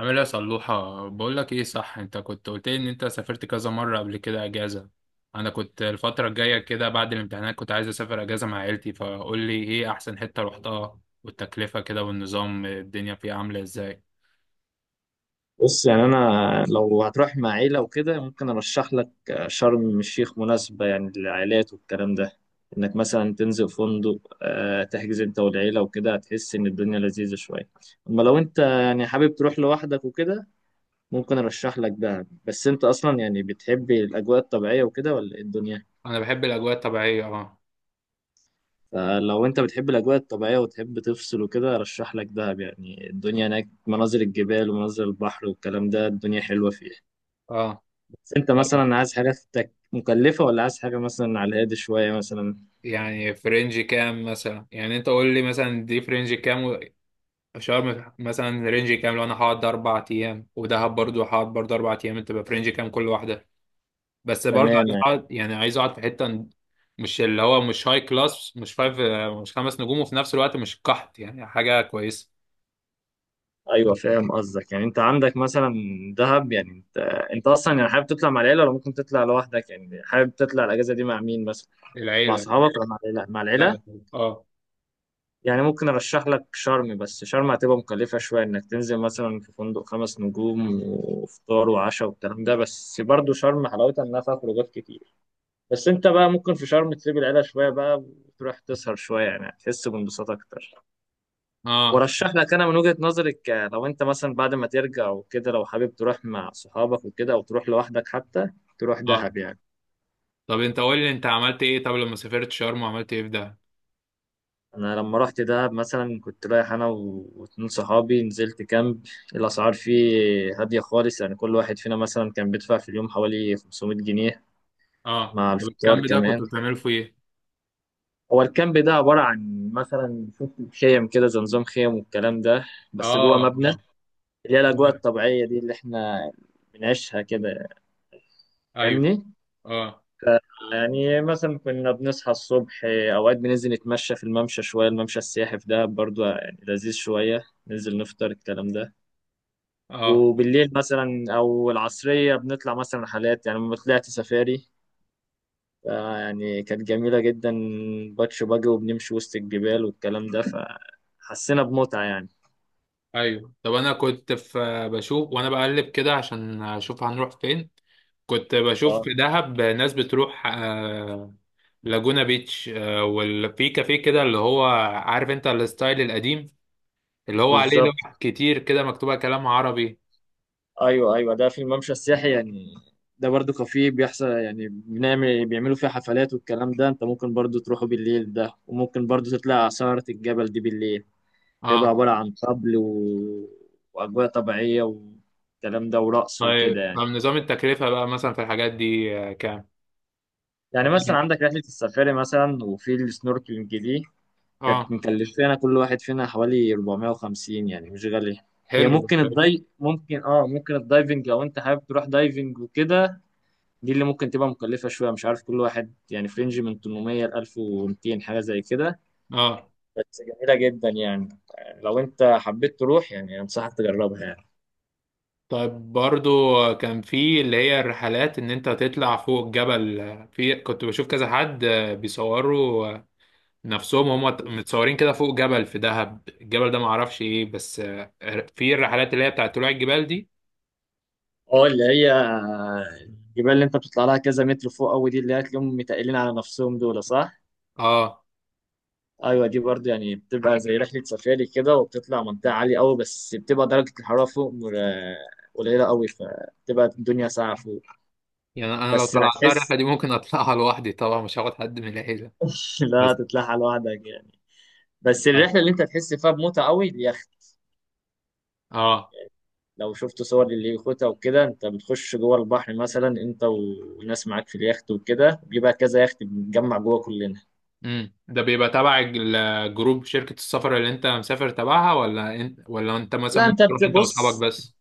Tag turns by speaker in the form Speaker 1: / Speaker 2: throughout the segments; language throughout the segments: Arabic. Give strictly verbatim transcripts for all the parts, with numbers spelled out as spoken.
Speaker 1: عامل ايه يا صلوحة؟ بقول لك ايه، صح؟ انت كنت قلت لي ان انت سافرت كذا مرة قبل كده اجازة. انا كنت الفترة الجاية كده بعد الامتحانات كنت عايز اسافر اجازة مع عيلتي، فقول لي ايه احسن حتة رحتها، والتكلفة كده، والنظام الدنيا فيها عاملة ازاي؟
Speaker 2: بص، يعني انا لو هتروح مع عيله وكده ممكن ارشح لك. شرم الشيخ مناسبه يعني للعائلات والكلام ده، انك مثلا تنزل فندق، آه، تحجز انت والعيله وكده هتحس ان الدنيا لذيذه شويه. اما لو انت يعني حابب تروح لوحدك وكده ممكن ارشح لك دهب. بس انت اصلا يعني بتحب الاجواء الطبيعيه وكده ولا ايه الدنيا؟
Speaker 1: انا بحب الاجواء الطبيعية. اه.
Speaker 2: فلو انت بتحب الاجواء الطبيعيه وتحب تفصل وكده ارشح لك دهب، يعني الدنيا هناك مناظر الجبال ومناظر البحر والكلام ده، الدنيا حلوه فيه.
Speaker 1: اه.
Speaker 2: بس انت
Speaker 1: طيب،
Speaker 2: مثلا عايز حاجة تك- مكلفة ولا عايز حاجة مثلا على الهادي شوية مثلا؟
Speaker 1: يعني في رينج كام مثلا؟ يعني انت قول لي مثلا دي في رينج كام و- شرم مثلا رينج كام لو انا هقعد اربع ايام، ودهب برضو هقعد برضو اربع ايام، انت بقى في رينج كام كل واحدة؟ بس برضه
Speaker 2: تمام
Speaker 1: عايز
Speaker 2: يعني.
Speaker 1: اقعد، يعني عايز اقعد في حته. مش اللي هو مش هاي كلاس، مش فايف. مش خمس نجوم، وفي نفس الوقت مش قحط، يعني حاجه كويسه.
Speaker 2: ايوه فاهم قصدك، يعني انت عندك مثلا دهب، يعني انت انت اصلا يعني حابب تطلع مع العيلة ولا ممكن تطلع لوحدك؟ يعني حابب تطلع الاجازة دي مع مين مثلا؟ مع
Speaker 1: العيله.
Speaker 2: اصحابك ولا مع العيلة؟ مع العيلة،
Speaker 1: لا. اه.
Speaker 2: يعني ممكن ارشح لك شرم، بس شرم هتبقى مكلفة شوية، انك تنزل مثلا في فندق خمس نجوم وفطار وعشاء والكلام ده، بس برضه شرم حلاوتها انها فيها خروجات كتير. بس انت بقى ممكن في شرم تسيب العيله شويه بقى، وتروح تسهر شويه، يعني هتحس بانبساط اكتر.
Speaker 1: اه.
Speaker 2: ورشح لك انا من وجهه نظري، ك- لو انت مثلا بعد ما ترجع وكده، لو حابب تروح مع صحابك وكده او تروح لوحدك حتى، تروح
Speaker 1: اه.
Speaker 2: دهب يعني.
Speaker 1: طب انت قول لي انت عملت ايه، طب لما سافرت شرم عملت ايه في ده؟
Speaker 2: انا لما رحت دهب مثلا كنت رايح انا و- واتنين صحابي، نزلت كامب. الاسعار فيه هاديه خالص، يعني كل واحد فينا مثلا كان بيدفع في اليوم حوالي خمسمية جنيه
Speaker 1: اه.
Speaker 2: مع
Speaker 1: طب
Speaker 2: الفطار
Speaker 1: الكامب ده كنت
Speaker 2: كمان.
Speaker 1: بتعمله في ايه؟
Speaker 2: هو الكامب ده عباره عن مثلا، شفت، خيم كده، زي نظام خيم والكلام ده، بس جوه
Speaker 1: اه.
Speaker 2: مبنى، اللي هي الأجواء الطبيعية دي اللي إحنا بنعيشها كده.
Speaker 1: ايوه.
Speaker 2: فاهمني؟
Speaker 1: اه.
Speaker 2: ف- يعني مثلا كنا بنصحى الصبح، أوقات بننزل نتمشى في الممشى شوية، الممشى السياحي في دهب برضو يعني لذيذ شوية، ننزل نفطر الكلام ده.
Speaker 1: اه.
Speaker 2: وبالليل مثلا أو العصرية بنطلع مثلا رحلات، يعني لما طلعت سفاري ف- يعني كانت جميلة جدا. باتش باجي وبنمشي وسط الجبال والكلام ده، فحسينا بمتعة يعني.
Speaker 1: ايوه. طب انا كنت في بشوف وانا بقلب كده عشان اشوف هنروح فين. كنت بشوف
Speaker 2: اه،
Speaker 1: في دهب ناس بتروح آه، لاجونا بيتش، آه، وفي كافيه كده اللي هو، عارف انت الستايل القديم، اللي هو عليه
Speaker 2: بالظبط.
Speaker 1: لوح كتير كده مكتوبة كلام عربي.
Speaker 2: ايوه ايوه، ده في الممشى السياحي يعني، ده برضو كافيه بيحصل، يعني بنعمل بيعملوا فيه حفلات والكلام ده. انت ممكن برضو تروحوا بالليل ده، وممكن برضو تطلع على سهرة الجبل دي بالليل. بيبقى
Speaker 1: اه.
Speaker 2: عبارة عن طبل و... واجواء طبيعية والكلام ده، ورقص وكده
Speaker 1: طيب، طب
Speaker 2: يعني.
Speaker 1: نظام التكلفة بقى مثلا في الحاجات دي آه، كام؟
Speaker 2: يعني مثلا عندك رحلة السفاري مثلا وفي السنوركلينج دي، كانت
Speaker 1: اه.
Speaker 2: مكلفانا كل واحد فينا حوالي اربعمية وخمسين، يعني مش غالية. هي
Speaker 1: حلو
Speaker 2: ممكن
Speaker 1: حلو.
Speaker 2: الداي ممكن اه ممكن الدايفنج، لو انت حابب تروح دايفنج وكده، دي اللي ممكن تبقى مكلفة شوية، مش عارف، كل واحد يعني فرنج من تمنمية ل الف ومتين، حاجة زي كده.
Speaker 1: اه.
Speaker 2: بس جميلة جدا يعني، لو انت حبيت تروح يعني انصحك تجربها يعني.
Speaker 1: طيب، برضو كان في اللي هي الرحلات ان انت تطلع فوق الجبل. في كنت بشوف كذا حد آه، بيصوروا آه، نفسهم هم متصورين كده فوق جبل في دهب، الجبل ده معرفش ايه بس آه، في الرحلات اللي هي بتاعت طلوع الجبال دي.
Speaker 2: اه، اللي هي الجبال اللي انت بتطلع لها كذا متر فوق قوي دي، اللي هتلاقيهم متقلين على نفسهم دول، صح؟
Speaker 1: اه.
Speaker 2: ايوه، دي برضه يعني بتبقى زي رحلة سفاري كده، وبتطلع منطقة عالية قوي، بس بتبقى درجة الحرارة فوق مر- قليلة قوي، فبتبقى الدنيا ساقعة فوق.
Speaker 1: يعني انا لو
Speaker 2: بس
Speaker 1: طلعتها
Speaker 2: هتحس
Speaker 1: الرحله دي ممكن اطلعها لوحدي طبعا، مش هاخد حد من العيله.
Speaker 2: لا
Speaker 1: بس.
Speaker 2: تطلعها لوحدك يعني. بس
Speaker 1: اه.
Speaker 2: الرحله اللي انت هتحس فيها بمتعه قوي، اليخت.
Speaker 1: اه.
Speaker 2: لو شفت صور لليخوتة وكده، انت بتخش جوه البحر مثلا انت وناس معاك في اليخت وكده، بيبقى كذا يخت بنتجمع جوه كلنا.
Speaker 1: امم ده بيبقى تبع الج- الجروب، شركه السفر اللي انت مسافر تبعها، ولا انت ولا انت مثلا
Speaker 2: لا، انت
Speaker 1: ممكن تروح انت واصحابك
Speaker 2: بتبص،
Speaker 1: بس؟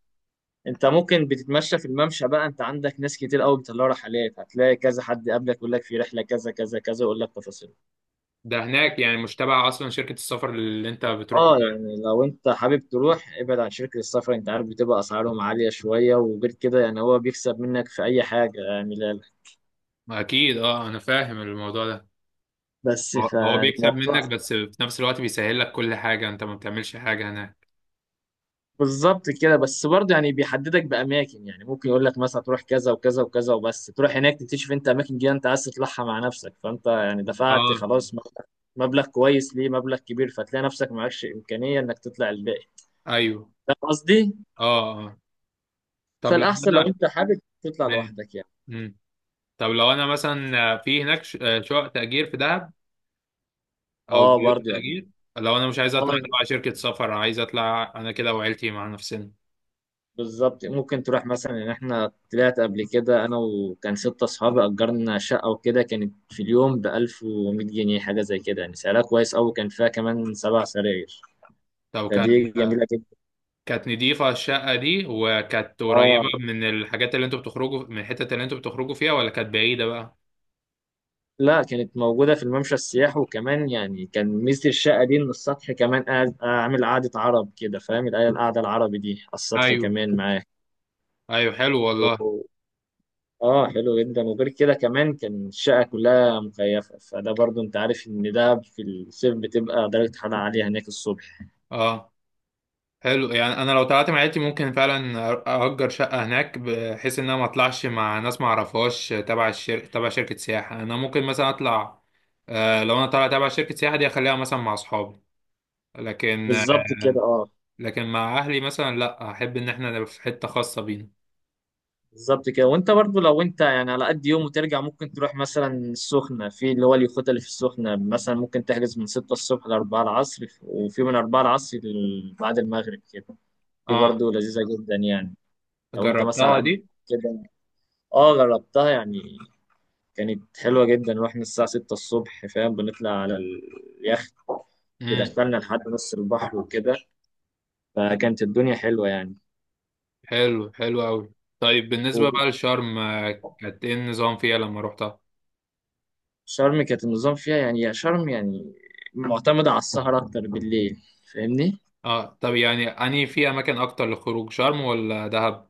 Speaker 2: انت ممكن بتتمشى في الممشى بقى، انت عندك ناس كتير قوي بيطلعوا رحلات، هتلاقي كذا حد قبلك يقول لك في رحله كذا كذا كذا، يقول لك تفاصيل.
Speaker 1: ده هناك يعني، مش تبع اصلا شركه السفر اللي انت بتروح
Speaker 2: اه، يعني لو انت حابب تروح ابعد عن شركه السفر، انت عارف بتبقى اسعارهم عاليه شويه، وغير كده يعني هو بيكسب منك في اي حاجه يعني. لا لا.
Speaker 1: معاها؟ اكيد اه، انا فاهم الموضوع ده.
Speaker 2: بس
Speaker 1: هو هو بيكسب
Speaker 2: فالموضوع
Speaker 1: منك، بس في نفس الوقت بيسهل لك كل حاجه، انت ما بتعملش حاجه هناك.
Speaker 2: بالظبط كده، بس برضه يعني بيحددك باماكن، يعني ممكن يقول لك مثلا تروح كذا وكذا وكذا، وبس تروح هناك تكتشف انت اماكن جديده انت عايز تطلعها مع نفسك، فانت يعني دفعت
Speaker 1: اه.
Speaker 2: خلاص مبلغ مبلغ كويس، ليه، مبلغ كبير، فتلاقي نفسك معكش امكانيه انك تطلع الباقي.
Speaker 1: ايوه.
Speaker 2: فاهم قصدي؟
Speaker 1: اه. اه. طب لو
Speaker 2: فالاحسن لو
Speaker 1: انا...
Speaker 2: انت حابب تطلع
Speaker 1: ماشي.
Speaker 2: لوحدك يعني.
Speaker 1: طب لو انا مثلا في هناك ش- آه، شقق تأجير في دهب، او
Speaker 2: اه،
Speaker 1: بيوت
Speaker 2: برضه يعني.
Speaker 1: تأجير. لو انا مش عايز اطلع
Speaker 2: اه،
Speaker 1: تبع شركة سفر، عايز اطلع انا كده وعيلتي مع نفسنا.
Speaker 2: بالظبط، ممكن تروح مثلا، ان احنا طلعت قبل كده انا وكان ستة اصحابي، اجرنا شقة وكده، كانت في اليوم ب الف ومية جنيه حاجة زي كده، يعني سعرها كويس قوي، كان فيها كمان سبع سراير،
Speaker 1: طب كان،
Speaker 2: فدي جميلة جدا.
Speaker 1: كانت نضيفة الشقة دي؟ وكانت قريبة
Speaker 2: اه
Speaker 1: من الحاجات اللي انتوا بتخرجوا، من الحتت اللي انتوا بتخرجوا فيها، ولا كانت بعيدة بقى؟
Speaker 2: لا، كانت موجودة في الممشى السياحي، وكمان يعني كان ميزة الشقة دي ان السطح كمان قاعد اعمل قعدة عرب كده، فاهم القعدة القعدة العربي دي على السطح
Speaker 1: ايوه
Speaker 2: كمان
Speaker 1: ايوه، حلو والله.
Speaker 2: معاه. اه حلو جدا، وغير كده كمان كان الشقة كلها مكيفة، فده برضو انت عارف ان ده في الصيف بتبقى درجة حرارة عالية هناك الصبح.
Speaker 1: اه. حلو. يعني انا لو طلعت مع عيلتي ممكن فعلا أر- اجر شقه هناك، بحيث ان انا ما اطلعش مع ناس ما اعرفهاش تبع الشر... تبع شركه سياحه، انا ممكن مثلا اطلع. آه، لو انا طالع تبع شركه سياحه دي اخليها مثلا مع اصحابي. لكن
Speaker 2: بالظبط كده. اه،
Speaker 1: لكن مع اهلي مثلا لا، احب ان احنا نبقى في حته خاصه بينا.
Speaker 2: بالظبط كده، وانت برضو لو انت يعني على قد يوم وترجع، ممكن تروح مثلا السخنة، في اللي هو اليخوت اللي في السخنة مثلا ممكن تحجز من ستة الصبح ل اربعة العصر، وفي من اربعة العصر ل- بعد المغرب كده. دي
Speaker 1: اه.
Speaker 2: برضو لذيذة جدا يعني، لو انت مثلا على
Speaker 1: جربتها
Speaker 2: قد
Speaker 1: دي؟
Speaker 2: كده. اه جربتها يعني، كانت حلوة جدا، رحنا الساعة ستة الصبح، فاهم، بنطلع على اليخت،
Speaker 1: امم.
Speaker 2: بيدخلنا لحد نص البحر وكده، فكانت الدنيا حلوة يعني.
Speaker 1: حلو حلو قوي. طيب، بالنسبه بقى لشرم آه، كانت ايه النظام فيها لما روحتها؟
Speaker 2: وشرم كانت النظام فيها يعني، يا شرم يعني معتمدة على السهر أكتر بالليل. فاهمني؟
Speaker 1: اه. طب يعني اني في اماكن اكتر للخروج شرم ولا دهب؟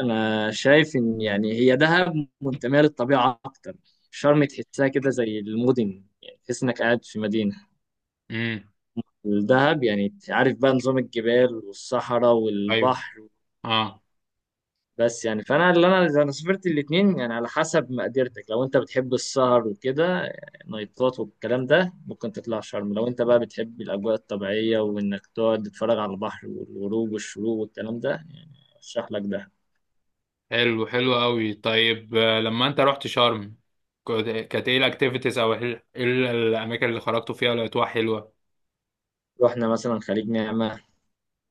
Speaker 2: أنا شايف إن يعني هي دهب منتمية للطبيعة أكتر، شرم تحسها كده زي المدن، يعني تحس إنك قاعد في مدينة.
Speaker 1: امم.
Speaker 2: الدهب يعني عارف بقى نظام الجبال والصحراء
Speaker 1: ايوه.
Speaker 2: والبحر.
Speaker 1: اه.
Speaker 2: بس يعني فانا اللي انا انا سافرت الاثنين يعني، على حسب مقدرتك، لو انت بتحب السهر وكده نايتات والكلام ده ممكن تطلع شرم. لو انت بقى بتحب الاجواء الطبيعيه وانك تقعد تتفرج على البحر والغروب والشروق والكلام ده يعني ارشح لك ده.
Speaker 1: حلو حلو قوي. طيب، آه، لما انت رحت شرم، كنت- كانت ايه الاكتيفيتيز، او ايه إيه الاماكن اللي خرجتوا فيها لقيتوها حلوه؟
Speaker 2: رحنا مثلا خليج نعمه،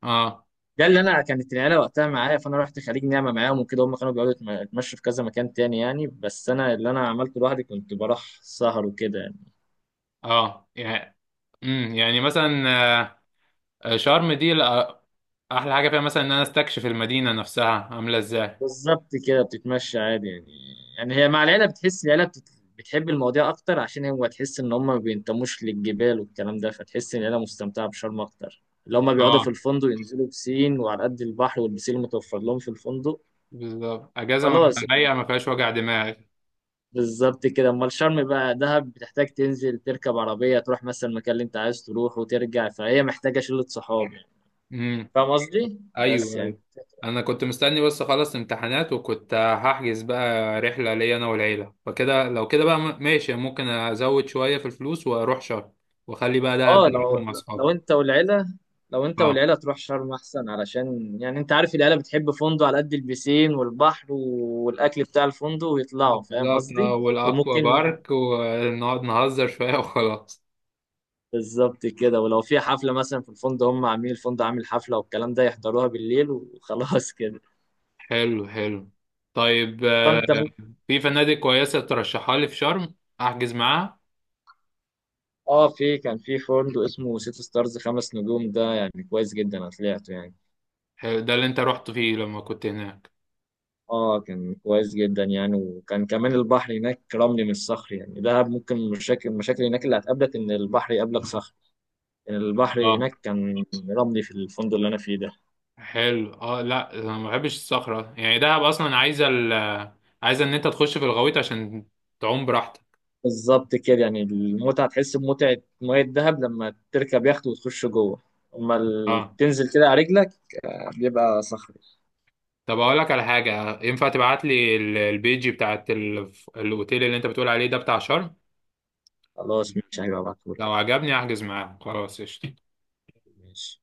Speaker 1: اه.
Speaker 2: ده اللي انا كانت العيله وقتها معايا، فانا رحت خليج نعمه معاهم وكده، هم كانوا بيقعدوا يتم- يتمشوا في كذا مكان تاني يعني، بس انا اللي انا عملته لوحدي كنت بروح سهر وكده يعني.
Speaker 1: اه. يعني. امم يعني مثلا، آه، آه، شرم دي لأ- احلى حاجه فيها مثلا ان انا استكشف المدينه نفسها عامله ازاي.
Speaker 2: بالظبط كده، بتتمشى عادي يعني، يعني هي مع العيلة بتحس العيلة بتت... بتحب المواضيع أكتر، عشان هو تحس إن هم ما بينتموش للجبال والكلام ده، فتحس إن العيلة مستمتعة بشرم أكتر، اللي هم بيقعدوا في
Speaker 1: اه.
Speaker 2: الفندق ينزلوا بسين وعلى قد البحر والبسين المتوفر لهم في الفندق.
Speaker 1: بالظبط، اجازه ما-
Speaker 2: خلاص يعني،
Speaker 1: رايقه ما فيهاش وجع دماغ.
Speaker 2: بالظبط كده. أمال شرم بقى، دهب بتحتاج تنزل تركب عربية تروح مثلا المكان اللي أنت عايز تروح وترجع، فهي محتاجة شلة صحاب يعني.
Speaker 1: امم.
Speaker 2: فاهم قصدي؟ بس
Speaker 1: ايوه.
Speaker 2: يعني،
Speaker 1: ايوه. انا كنت مستني بس اخلص امتحانات، وكنت هحجز بقى رحله ليا انا والعيله، فكده لو كده بقى م- ماشي، ممكن ازود شويه في الفلوس واروح شرم، واخلي بقى دهب
Speaker 2: اه
Speaker 1: ده
Speaker 2: لو
Speaker 1: مع اصحابي.
Speaker 2: لو انت والعيله، لو انت
Speaker 1: اه،
Speaker 2: والعيله تروح شرم احسن، علشان يعني انت عارف العيله بتحب فندق على قد البسين والبحر والاكل بتاع الفندق ويطلعوا. فاهم
Speaker 1: بالظبط. اه،
Speaker 2: قصدي؟
Speaker 1: والاكوا
Speaker 2: وممكن،
Speaker 1: بارك ونقعد نهزر شويه وخلاص.
Speaker 2: بالظبط كده، ولو في حفله مثلا في الفندق، هم عاملين الفندق عامل حفله والكلام ده يحضروها بالليل وخلاص كده.
Speaker 1: حلو حلو. طيب، آه،
Speaker 2: فانت ممكن.
Speaker 1: في فنادق كويسه ترشحها لي في شرم احجز معاها؟
Speaker 2: اه، في كان في فندق اسمه سيتي ستارز، خمس نجوم، ده يعني كويس جدا، انا طلعته يعني.
Speaker 1: حلو، ده اللي انت رحت فيه لما كنت هناك؟
Speaker 2: اه كان كويس جدا يعني، وكان كمان البحر هناك رملي مش صخري، يعني دهب ممكن مشاكل مشاكل هناك اللي هتقابلك ان البحر يقابلك صخري، يعني البحر
Speaker 1: اه.
Speaker 2: هناك كان رملي في الفندق اللي انا فيه ده.
Speaker 1: حلو. اه، لا انا ما بحبش الصخرة، يعني دهب اصلا عايزة ال عايزة ان انت تخش في الغويط عشان تعوم براحتك.
Speaker 2: بالظبط كده، يعني المتعة تحس بمتعة مية دهب لما تركب يخت وتخش جوه، اما ال-
Speaker 1: اه.
Speaker 2: تنزل كده على رجلك بيبقى صخري.
Speaker 1: طب اقول لك على حاجة، ينفع تبعت لي ال- البيج بتاعت ال- الاوتيل اللي انت بتقول عليه ده بتاع شرم؟
Speaker 2: خلاص ماشي، هيبقى بعتهولك.
Speaker 1: لو عجبني احجز معاه، خلاص قشطة.
Speaker 2: ماشي.